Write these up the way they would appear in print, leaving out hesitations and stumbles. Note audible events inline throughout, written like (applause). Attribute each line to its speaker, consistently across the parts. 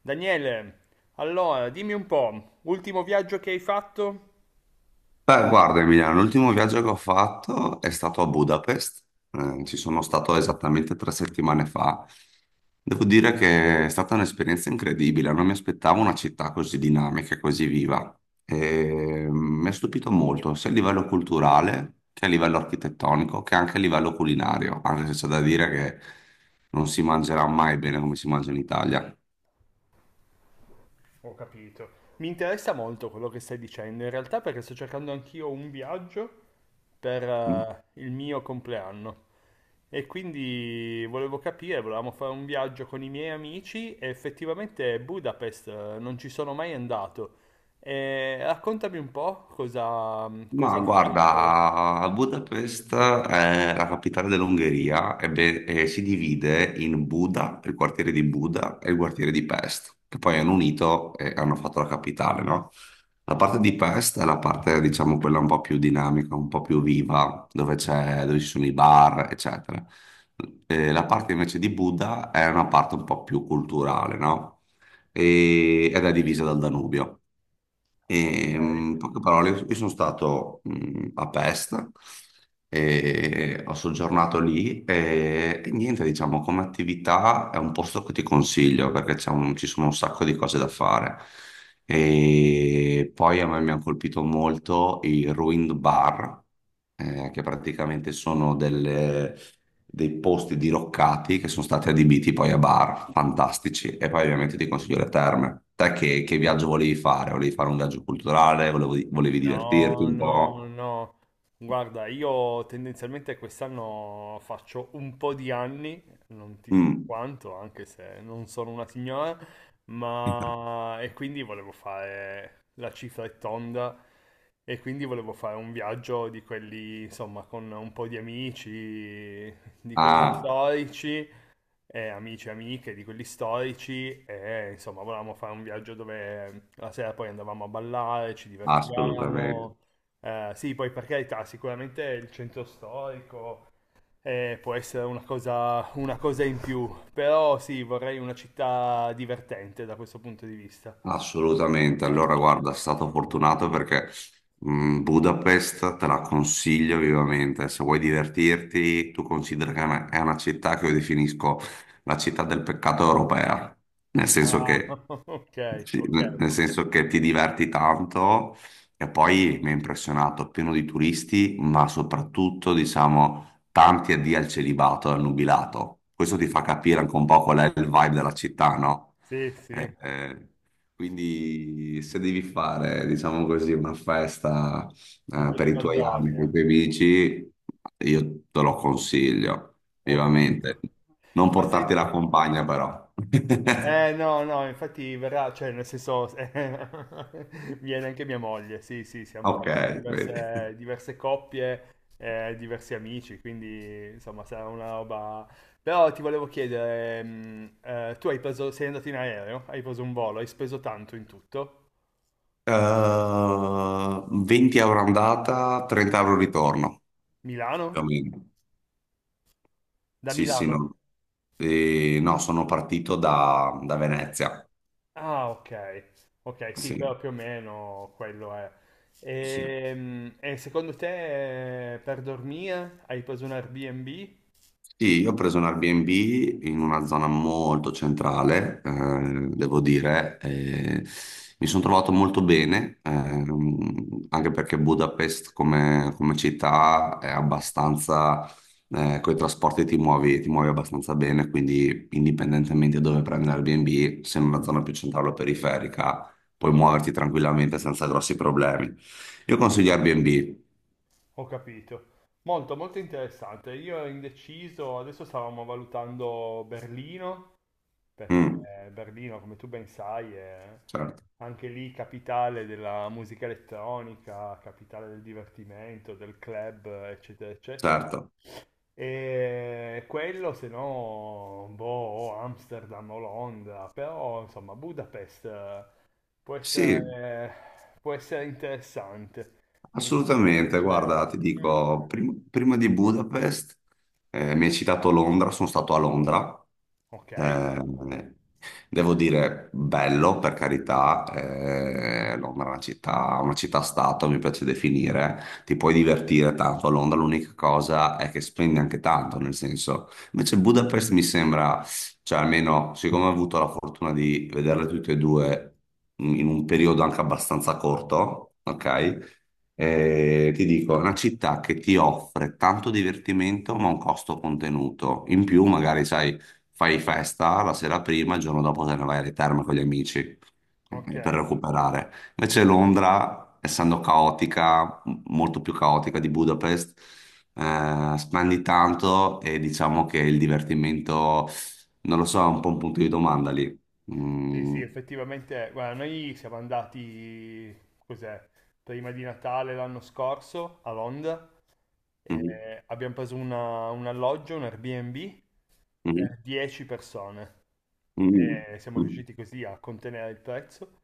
Speaker 1: Daniele, allora dimmi un po', ultimo viaggio che hai fatto?
Speaker 2: Beh, guarda Emiliano, l'ultimo viaggio che ho fatto è stato a Budapest. Ci sono stato esattamente 3 settimane fa. Devo dire che è stata un'esperienza incredibile. Non mi aspettavo una città così dinamica e così viva. E mi ha stupito molto, sia a livello culturale che a livello architettonico, che anche a livello culinario, anche se c'è da dire che non si mangerà mai bene come si mangia in Italia.
Speaker 1: Ho capito. Mi interessa molto quello che stai dicendo, in realtà perché sto cercando anch'io un viaggio per
Speaker 2: Mm.
Speaker 1: il mio compleanno e quindi volevo capire, volevamo fare un viaggio con i miei amici e effettivamente Budapest non ci sono mai andato. E raccontami un po' cosa, cosa
Speaker 2: Ma
Speaker 1: hai fatto.
Speaker 2: guarda, Budapest è la capitale dell'Ungheria, e si divide in Buda, il quartiere di Buda e il quartiere di Pest, che poi hanno unito e hanno fatto la capitale, no? La parte di Pest è la parte, diciamo, quella un po' più dinamica, un po' più viva, dove c'è, dove ci sono i bar, eccetera. La parte invece di Buda è una parte un po' più culturale, no? Ed è divisa dal Danubio.
Speaker 1: Ok.
Speaker 2: E, in poche parole, io sono stato a Pest, e ho soggiornato lì, e niente, diciamo, come attività è un posto che ti consiglio perché c'è ci sono un sacco di cose da fare. E poi a me mi hanno colpito molto i Ruined Bar, che praticamente sono delle dei posti diroccati che sono stati adibiti poi a bar, fantastici. E poi ovviamente ti consiglio le terme. Te che viaggio volevi fare? Volevi fare un viaggio culturale? Volevi divertirti
Speaker 1: No,
Speaker 2: un
Speaker 1: no,
Speaker 2: po'?
Speaker 1: no. Guarda, io tendenzialmente quest'anno faccio un po' di anni, non ti dico
Speaker 2: Mm.
Speaker 1: quanto, anche se non sono una signora,
Speaker 2: (laughs)
Speaker 1: ma e quindi volevo fare la cifra è tonda e quindi volevo fare un viaggio di quelli, insomma, con un po' di amici, di quelli
Speaker 2: Ah,
Speaker 1: storici, amici e amiche di quelli storici e insomma volevamo fare un viaggio dove la sera poi andavamo a ballare, ci
Speaker 2: assolutamente.
Speaker 1: divertivamo. Sì, poi per carità, sicuramente il centro storico può essere una cosa in più, però sì, vorrei una città divertente da questo punto di vista.
Speaker 2: Assolutamente,
Speaker 1: Eh.
Speaker 2: allora guarda, è stato fortunato perché Budapest te la consiglio vivamente. Se vuoi divertirti, tu considera che è una città che io definisco la città del peccato europea, nel senso
Speaker 1: Ah,
Speaker 2: che,
Speaker 1: (laughs) ok,
Speaker 2: sì,
Speaker 1: ok.
Speaker 2: nel senso che ti diverti tanto, e poi mi ha impressionato, pieno di turisti, ma soprattutto diciamo tanti addio al celibato e al nubilato. Questo ti fa capire anche un po' qual è il vibe della città, no?
Speaker 1: Sì,
Speaker 2: Eh,
Speaker 1: sì,
Speaker 2: eh, quindi se devi fare, diciamo così, una festa
Speaker 1: un po'
Speaker 2: per
Speaker 1: di
Speaker 2: i tuoi anni con i
Speaker 1: baldoria,
Speaker 2: tuoi amici, io te lo consiglio
Speaker 1: ho
Speaker 2: vivamente.
Speaker 1: capito.
Speaker 2: Non
Speaker 1: Ma
Speaker 2: portarti
Speaker 1: senti,
Speaker 2: la compagna però. (laughs)
Speaker 1: eh, no, no, infatti verrà, cioè nel senso, (laughs) viene anche mia moglie, sì, sì, siamo
Speaker 2: Ok, vedi.
Speaker 1: diverse coppie, diversi amici, quindi insomma sarà una roba... Però ti volevo chiedere, tu hai preso, sei andato in aereo, hai preso un volo, hai speso tanto in tutto?
Speaker 2: 20 euro andata, 30 euro ritorno, più o
Speaker 1: Milano?
Speaker 2: meno.
Speaker 1: Da
Speaker 2: Sì, sì,
Speaker 1: Milano?
Speaker 2: no. No, sono partito da Venezia.
Speaker 1: Ah, ok, ok, sì,
Speaker 2: Sì,
Speaker 1: però più o meno quello è.
Speaker 2: sì.
Speaker 1: E, secondo te per dormire hai preso un Airbnb?
Speaker 2: Sì, io ho preso un Airbnb in una zona molto centrale, devo dire, e mi sono trovato molto bene, anche perché Budapest come città è abbastanza, con i trasporti ti muovi abbastanza bene, quindi indipendentemente da dove prendi l'Airbnb, se in una zona più centrale o periferica, puoi muoverti tranquillamente senza grossi problemi. Io consiglio Airbnb.
Speaker 1: Ho capito. Molto, molto interessante. Io ero indeciso, adesso stavamo valutando Berlino, perché
Speaker 2: Mm.
Speaker 1: Berlino, come tu ben sai, è
Speaker 2: Certo,
Speaker 1: anche lì capitale della musica elettronica, capitale del divertimento, del club, eccetera, eccetera.
Speaker 2: certo.
Speaker 1: E quello, se no, boh, o Amsterdam o Londra, però insomma, Budapest può
Speaker 2: Sì.
Speaker 1: essere, può essere interessante. Mi può
Speaker 2: Assolutamente,
Speaker 1: piacere.
Speaker 2: guarda, ti
Speaker 1: Mm.
Speaker 2: dico, prima di Budapest, mi hai citato Londra. Sono stato a Londra.
Speaker 1: Ok,
Speaker 2: eh, Devo dire, bello per carità. Londra è una città, una città-stato, mi piace definire. Ti puoi divertire tanto a Londra, l'unica cosa è che spendi anche tanto. Nel senso, invece Budapest mi sembra, cioè almeno siccome ho avuto la fortuna di vederle tutte e due in un periodo anche abbastanza corto, ok? Ti dico, è una città che ti offre tanto divertimento ma a un costo contenuto. In più, magari, sai, fai festa la sera prima, il giorno dopo te ne vai alle terme con gli amici
Speaker 1: ok.
Speaker 2: per recuperare. Invece Londra, essendo caotica, molto più caotica di Budapest, spendi tanto, e diciamo che il divertimento, non lo so, è un po' un punto di domanda lì.
Speaker 1: Sì, sì,
Speaker 2: Mm.
Speaker 1: effettivamente, guarda, noi siamo andati, cos'è, prima di Natale l'anno scorso a Londra
Speaker 2: Mhm.
Speaker 1: e abbiamo preso un alloggio, un Airbnb per 10 persone.
Speaker 2: Mhm.
Speaker 1: E siamo
Speaker 2: Mhm.
Speaker 1: riusciti così a contenere il prezzo.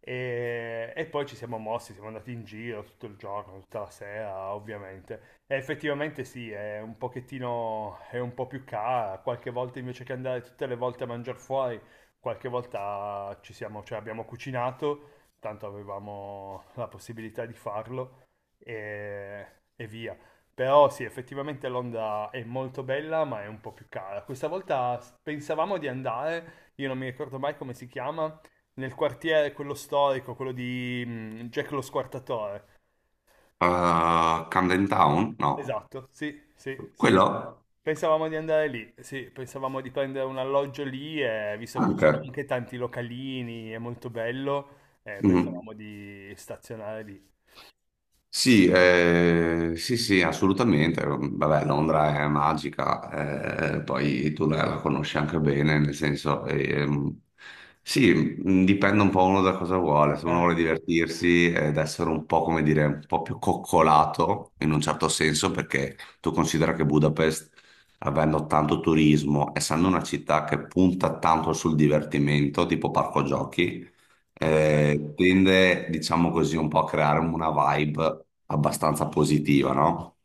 Speaker 1: E poi ci siamo mossi, siamo andati in giro tutto il giorno, tutta la sera, ovviamente. E effettivamente sì, è un pochettino, è un po' più cara. Qualche volta invece che andare tutte le volte a mangiare fuori, qualche volta ci siamo, cioè abbiamo cucinato, tanto avevamo la possibilità di farlo e, e via. Però sì, effettivamente Londra è molto bella, ma è un po' più cara. Questa volta pensavamo di andare, io non mi ricordo mai come si chiama, nel quartiere, quello storico, quello di Jack lo Squartatore.
Speaker 2: Camden Town? No.
Speaker 1: Esatto, sì, sì, sì.
Speaker 2: Quello?
Speaker 1: Pensavamo di andare lì, sì, pensavamo di prendere un alloggio lì, e, visto che ci sono
Speaker 2: Anche.
Speaker 1: anche tanti localini, è molto bello,
Speaker 2: Mhm.
Speaker 1: pensavamo di stazionare lì.
Speaker 2: Sì, sì, sì, assolutamente. Vabbè, Londra è magica, poi tu la conosci anche bene, nel senso, sì, dipende un po' uno da cosa vuole. Se uno vuole
Speaker 1: Ah,
Speaker 2: divertirsi ed essere un po', come dire, un po' più coccolato, in un certo senso, perché tu considera che Budapest, avendo tanto turismo, essendo una città che punta tanto sul divertimento, tipo parco giochi,
Speaker 1: ok,
Speaker 2: tende, diciamo così, un po' a creare una vibe abbastanza positiva, no?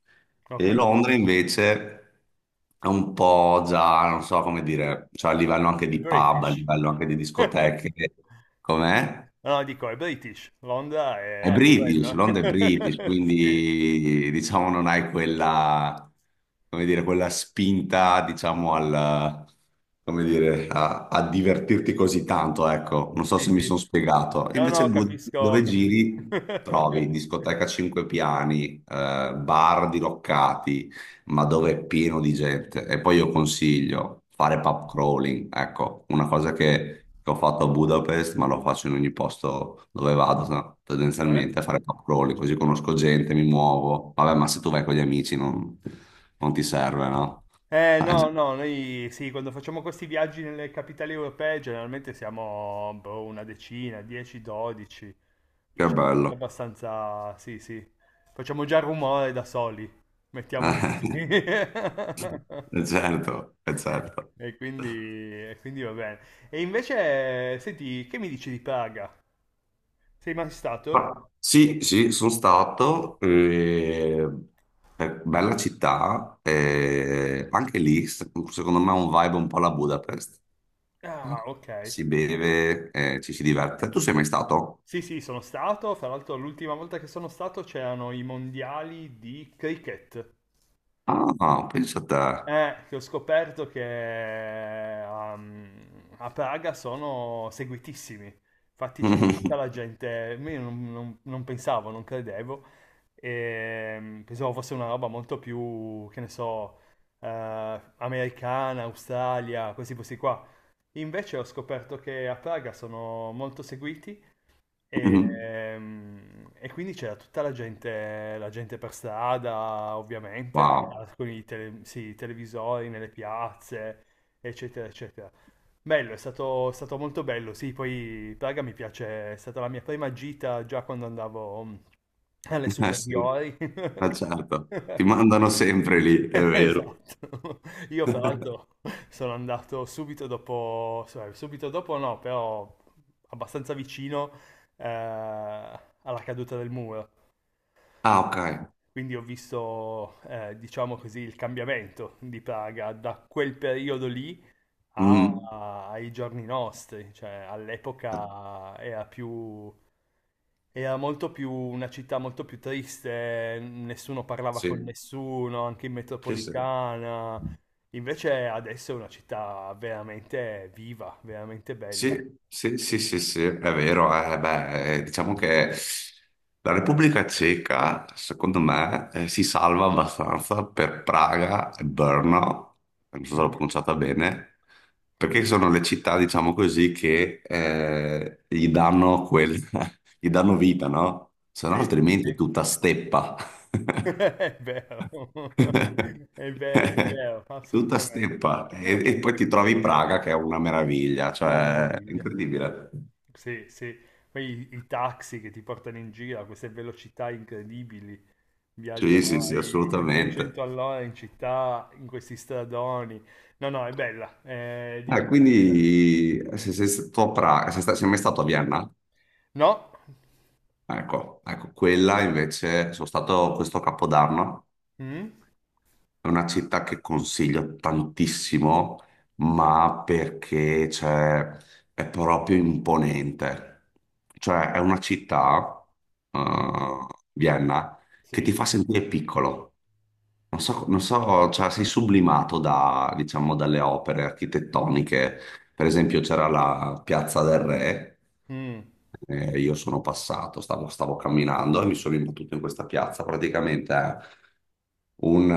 Speaker 1: ho
Speaker 2: E
Speaker 1: capito.
Speaker 2: Londra invece è un po' già, non so come dire, cioè a livello anche di pub, a
Speaker 1: British.
Speaker 2: livello anche di
Speaker 1: (laughs)
Speaker 2: discoteche, com'è?
Speaker 1: No, dico, è British. Londra
Speaker 2: È
Speaker 1: è
Speaker 2: British,
Speaker 1: quello.
Speaker 2: Londra è British,
Speaker 1: (laughs) Sì,
Speaker 2: quindi diciamo non hai quella, come dire, quella spinta, diciamo, al, come dire, a divertirti così tanto, ecco. Non so
Speaker 1: sì,
Speaker 2: se mi sono
Speaker 1: sì.
Speaker 2: spiegato.
Speaker 1: No,
Speaker 2: Invece
Speaker 1: no, capisco,
Speaker 2: Dove
Speaker 1: capisco.
Speaker 2: giri trovi
Speaker 1: (laughs)
Speaker 2: discoteca a cinque piani, bar diroccati, ma dove è pieno di gente. E poi io consiglio fare pub crawling, ecco, una cosa che ho fatto a Budapest, ma lo faccio in ogni posto dove vado, no?
Speaker 1: Cioè?
Speaker 2: Tendenzialmente a fare pub crawling, così conosco gente, mi muovo. Vabbè, ma se tu vai con gli amici non ti serve, no? (laughs)
Speaker 1: Eh,
Speaker 2: Ah,
Speaker 1: no, no, noi sì, quando facciamo questi viaggi nelle capitali europee generalmente siamo boh, una decina, 10, 12,
Speaker 2: che
Speaker 1: facciamo sempre
Speaker 2: bello.
Speaker 1: abbastanza, sì, sì, facciamo già rumore da soli, mettiamola così.
Speaker 2: (laughs)
Speaker 1: (laughs)
Speaker 2: Certo, certo.
Speaker 1: E quindi, e quindi va bene. E invece, senti, che mi dici di Praga? Sei mai stato?
Speaker 2: Ah, sì, sì, sono stato, è bella città, anche lì secondo me è un vibe un po' alla Budapest.
Speaker 1: Ah, ok.
Speaker 2: Si beve, ci si diverte. Tu sei mai stato?
Speaker 1: Sì, sì, sono stato. Fra l'altro, l'ultima volta che sono stato c'erano i mondiali di cricket.
Speaker 2: Ah, pensa a te.
Speaker 1: Che ho scoperto che um, a Praga sono seguitissimi. Infatti c'era tutta la
Speaker 2: (laughs)
Speaker 1: gente, io non pensavo, non credevo, e, pensavo fosse una roba molto più, che ne so, americana, Australia, questi posti qua. Invece ho scoperto che a Praga sono molto seguiti e quindi c'era tutta la gente per strada, ovviamente,
Speaker 2: Wow,
Speaker 1: con sì, i televisori nelle piazze, eccetera, eccetera. Bello, è stato molto bello. Sì, poi Praga mi piace, è stata la mia prima gita già quando andavo alle
Speaker 2: eh sì,
Speaker 1: superiori.
Speaker 2: ma certo, ti
Speaker 1: (laughs)
Speaker 2: mandano sempre lì, è vero.
Speaker 1: Esatto. Io fra l'altro
Speaker 2: (laughs)
Speaker 1: sono andato subito dopo, cioè, subito dopo no, però abbastanza vicino eh, alla caduta del muro.
Speaker 2: Ah, ok.
Speaker 1: Quindi ho visto, diciamo così, il cambiamento di Praga da quel periodo lì
Speaker 2: Mm.
Speaker 1: ai giorni nostri, cioè
Speaker 2: Eh,
Speaker 1: all'epoca era più, era molto più una città molto più triste, nessuno parlava con
Speaker 2: sì,
Speaker 1: nessuno, anche in
Speaker 2: sì, sì.
Speaker 1: metropolitana. Invece adesso è una città veramente viva, veramente bella.
Speaker 2: Sì, sì, sì, sì, sì, è vero. Eh, beh, diciamo che la Repubblica Ceca, secondo me, si salva abbastanza per Praga e Brno, non so se l'ho
Speaker 1: Mhm.
Speaker 2: pronunciata bene, perché sono le città, diciamo così, che gli danno quel, (laughs) gli danno vita, no? Se no,
Speaker 1: Sì,
Speaker 2: altrimenti è
Speaker 1: sì.
Speaker 2: tutta steppa.
Speaker 1: (laughs)
Speaker 2: (laughs)
Speaker 1: È vero, (laughs)
Speaker 2: (laughs)
Speaker 1: è vero,
Speaker 2: Tutta
Speaker 1: assolutamente.
Speaker 2: steppa, e
Speaker 1: (laughs)
Speaker 2: poi ti trovi Praga che è una meraviglia,
Speaker 1: Una
Speaker 2: cioè è
Speaker 1: meraviglia.
Speaker 2: incredibile.
Speaker 1: Sì, sì. Poi i taxi che ti portano in giro a queste velocità incredibili,
Speaker 2: Sì, sì,
Speaker 1: viaggiano
Speaker 2: sì,
Speaker 1: ai 200
Speaker 2: assolutamente.
Speaker 1: all'ora in città, in questi stradoni. No, no, è bella, è
Speaker 2: Ah,
Speaker 1: divertente.
Speaker 2: quindi se sei stato a Praga, sei mai stato a Vienna?
Speaker 1: No?
Speaker 2: Ecco, ecco, quella invece sono stato questo capodanno.
Speaker 1: Mm?
Speaker 2: È una città che consiglio tantissimo, ma perché cioè, è proprio imponente. Cioè, è una città, eh, Vienna, che ti
Speaker 1: Sì?
Speaker 2: fa sentire piccolo. Non so, non so, cioè sei sublimato da, diciamo, dalle opere architettoniche. Per esempio c'era la Piazza del Re,
Speaker 1: Mm,
Speaker 2: io sono passato, stavo camminando e mi sono imbattuto in questa piazza. Praticamente è un, eh,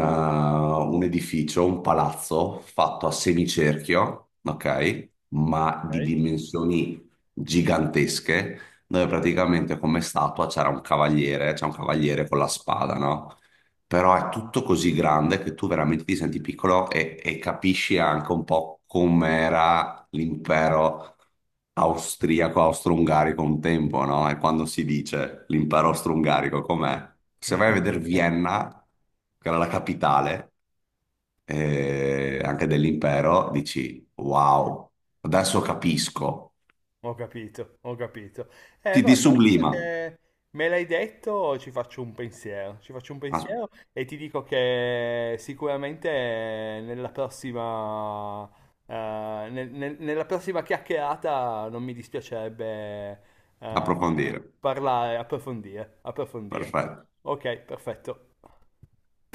Speaker 2: un edificio, un palazzo fatto a semicerchio, ok? Ma di
Speaker 1: ok.
Speaker 2: dimensioni gigantesche, dove praticamente come statua c'era un cavaliere, c'è un cavaliere con la spada, no? Però è tutto così grande che tu veramente ti senti piccolo, e capisci anche un po' com'era l'impero austriaco, austro-ungarico un tempo, no? E quando si dice l'impero austro-ungarico com'è? Se vai a vedere
Speaker 1: (laughs)
Speaker 2: Vienna, che era la capitale anche dell'impero, dici wow, adesso capisco.
Speaker 1: Ho capito, ho capito.
Speaker 2: Ti, ti
Speaker 1: Guarda, adesso
Speaker 2: sublima
Speaker 1: che me l'hai detto, ci faccio un pensiero. Ci faccio un
Speaker 2: a
Speaker 1: pensiero e ti dico che sicuramente nella prossima, nella prossima chiacchierata non mi dispiacerebbe, eh,
Speaker 2: approfondire.
Speaker 1: parlare, approfondire, approfondire.
Speaker 2: Perfetto.
Speaker 1: Ok, perfetto.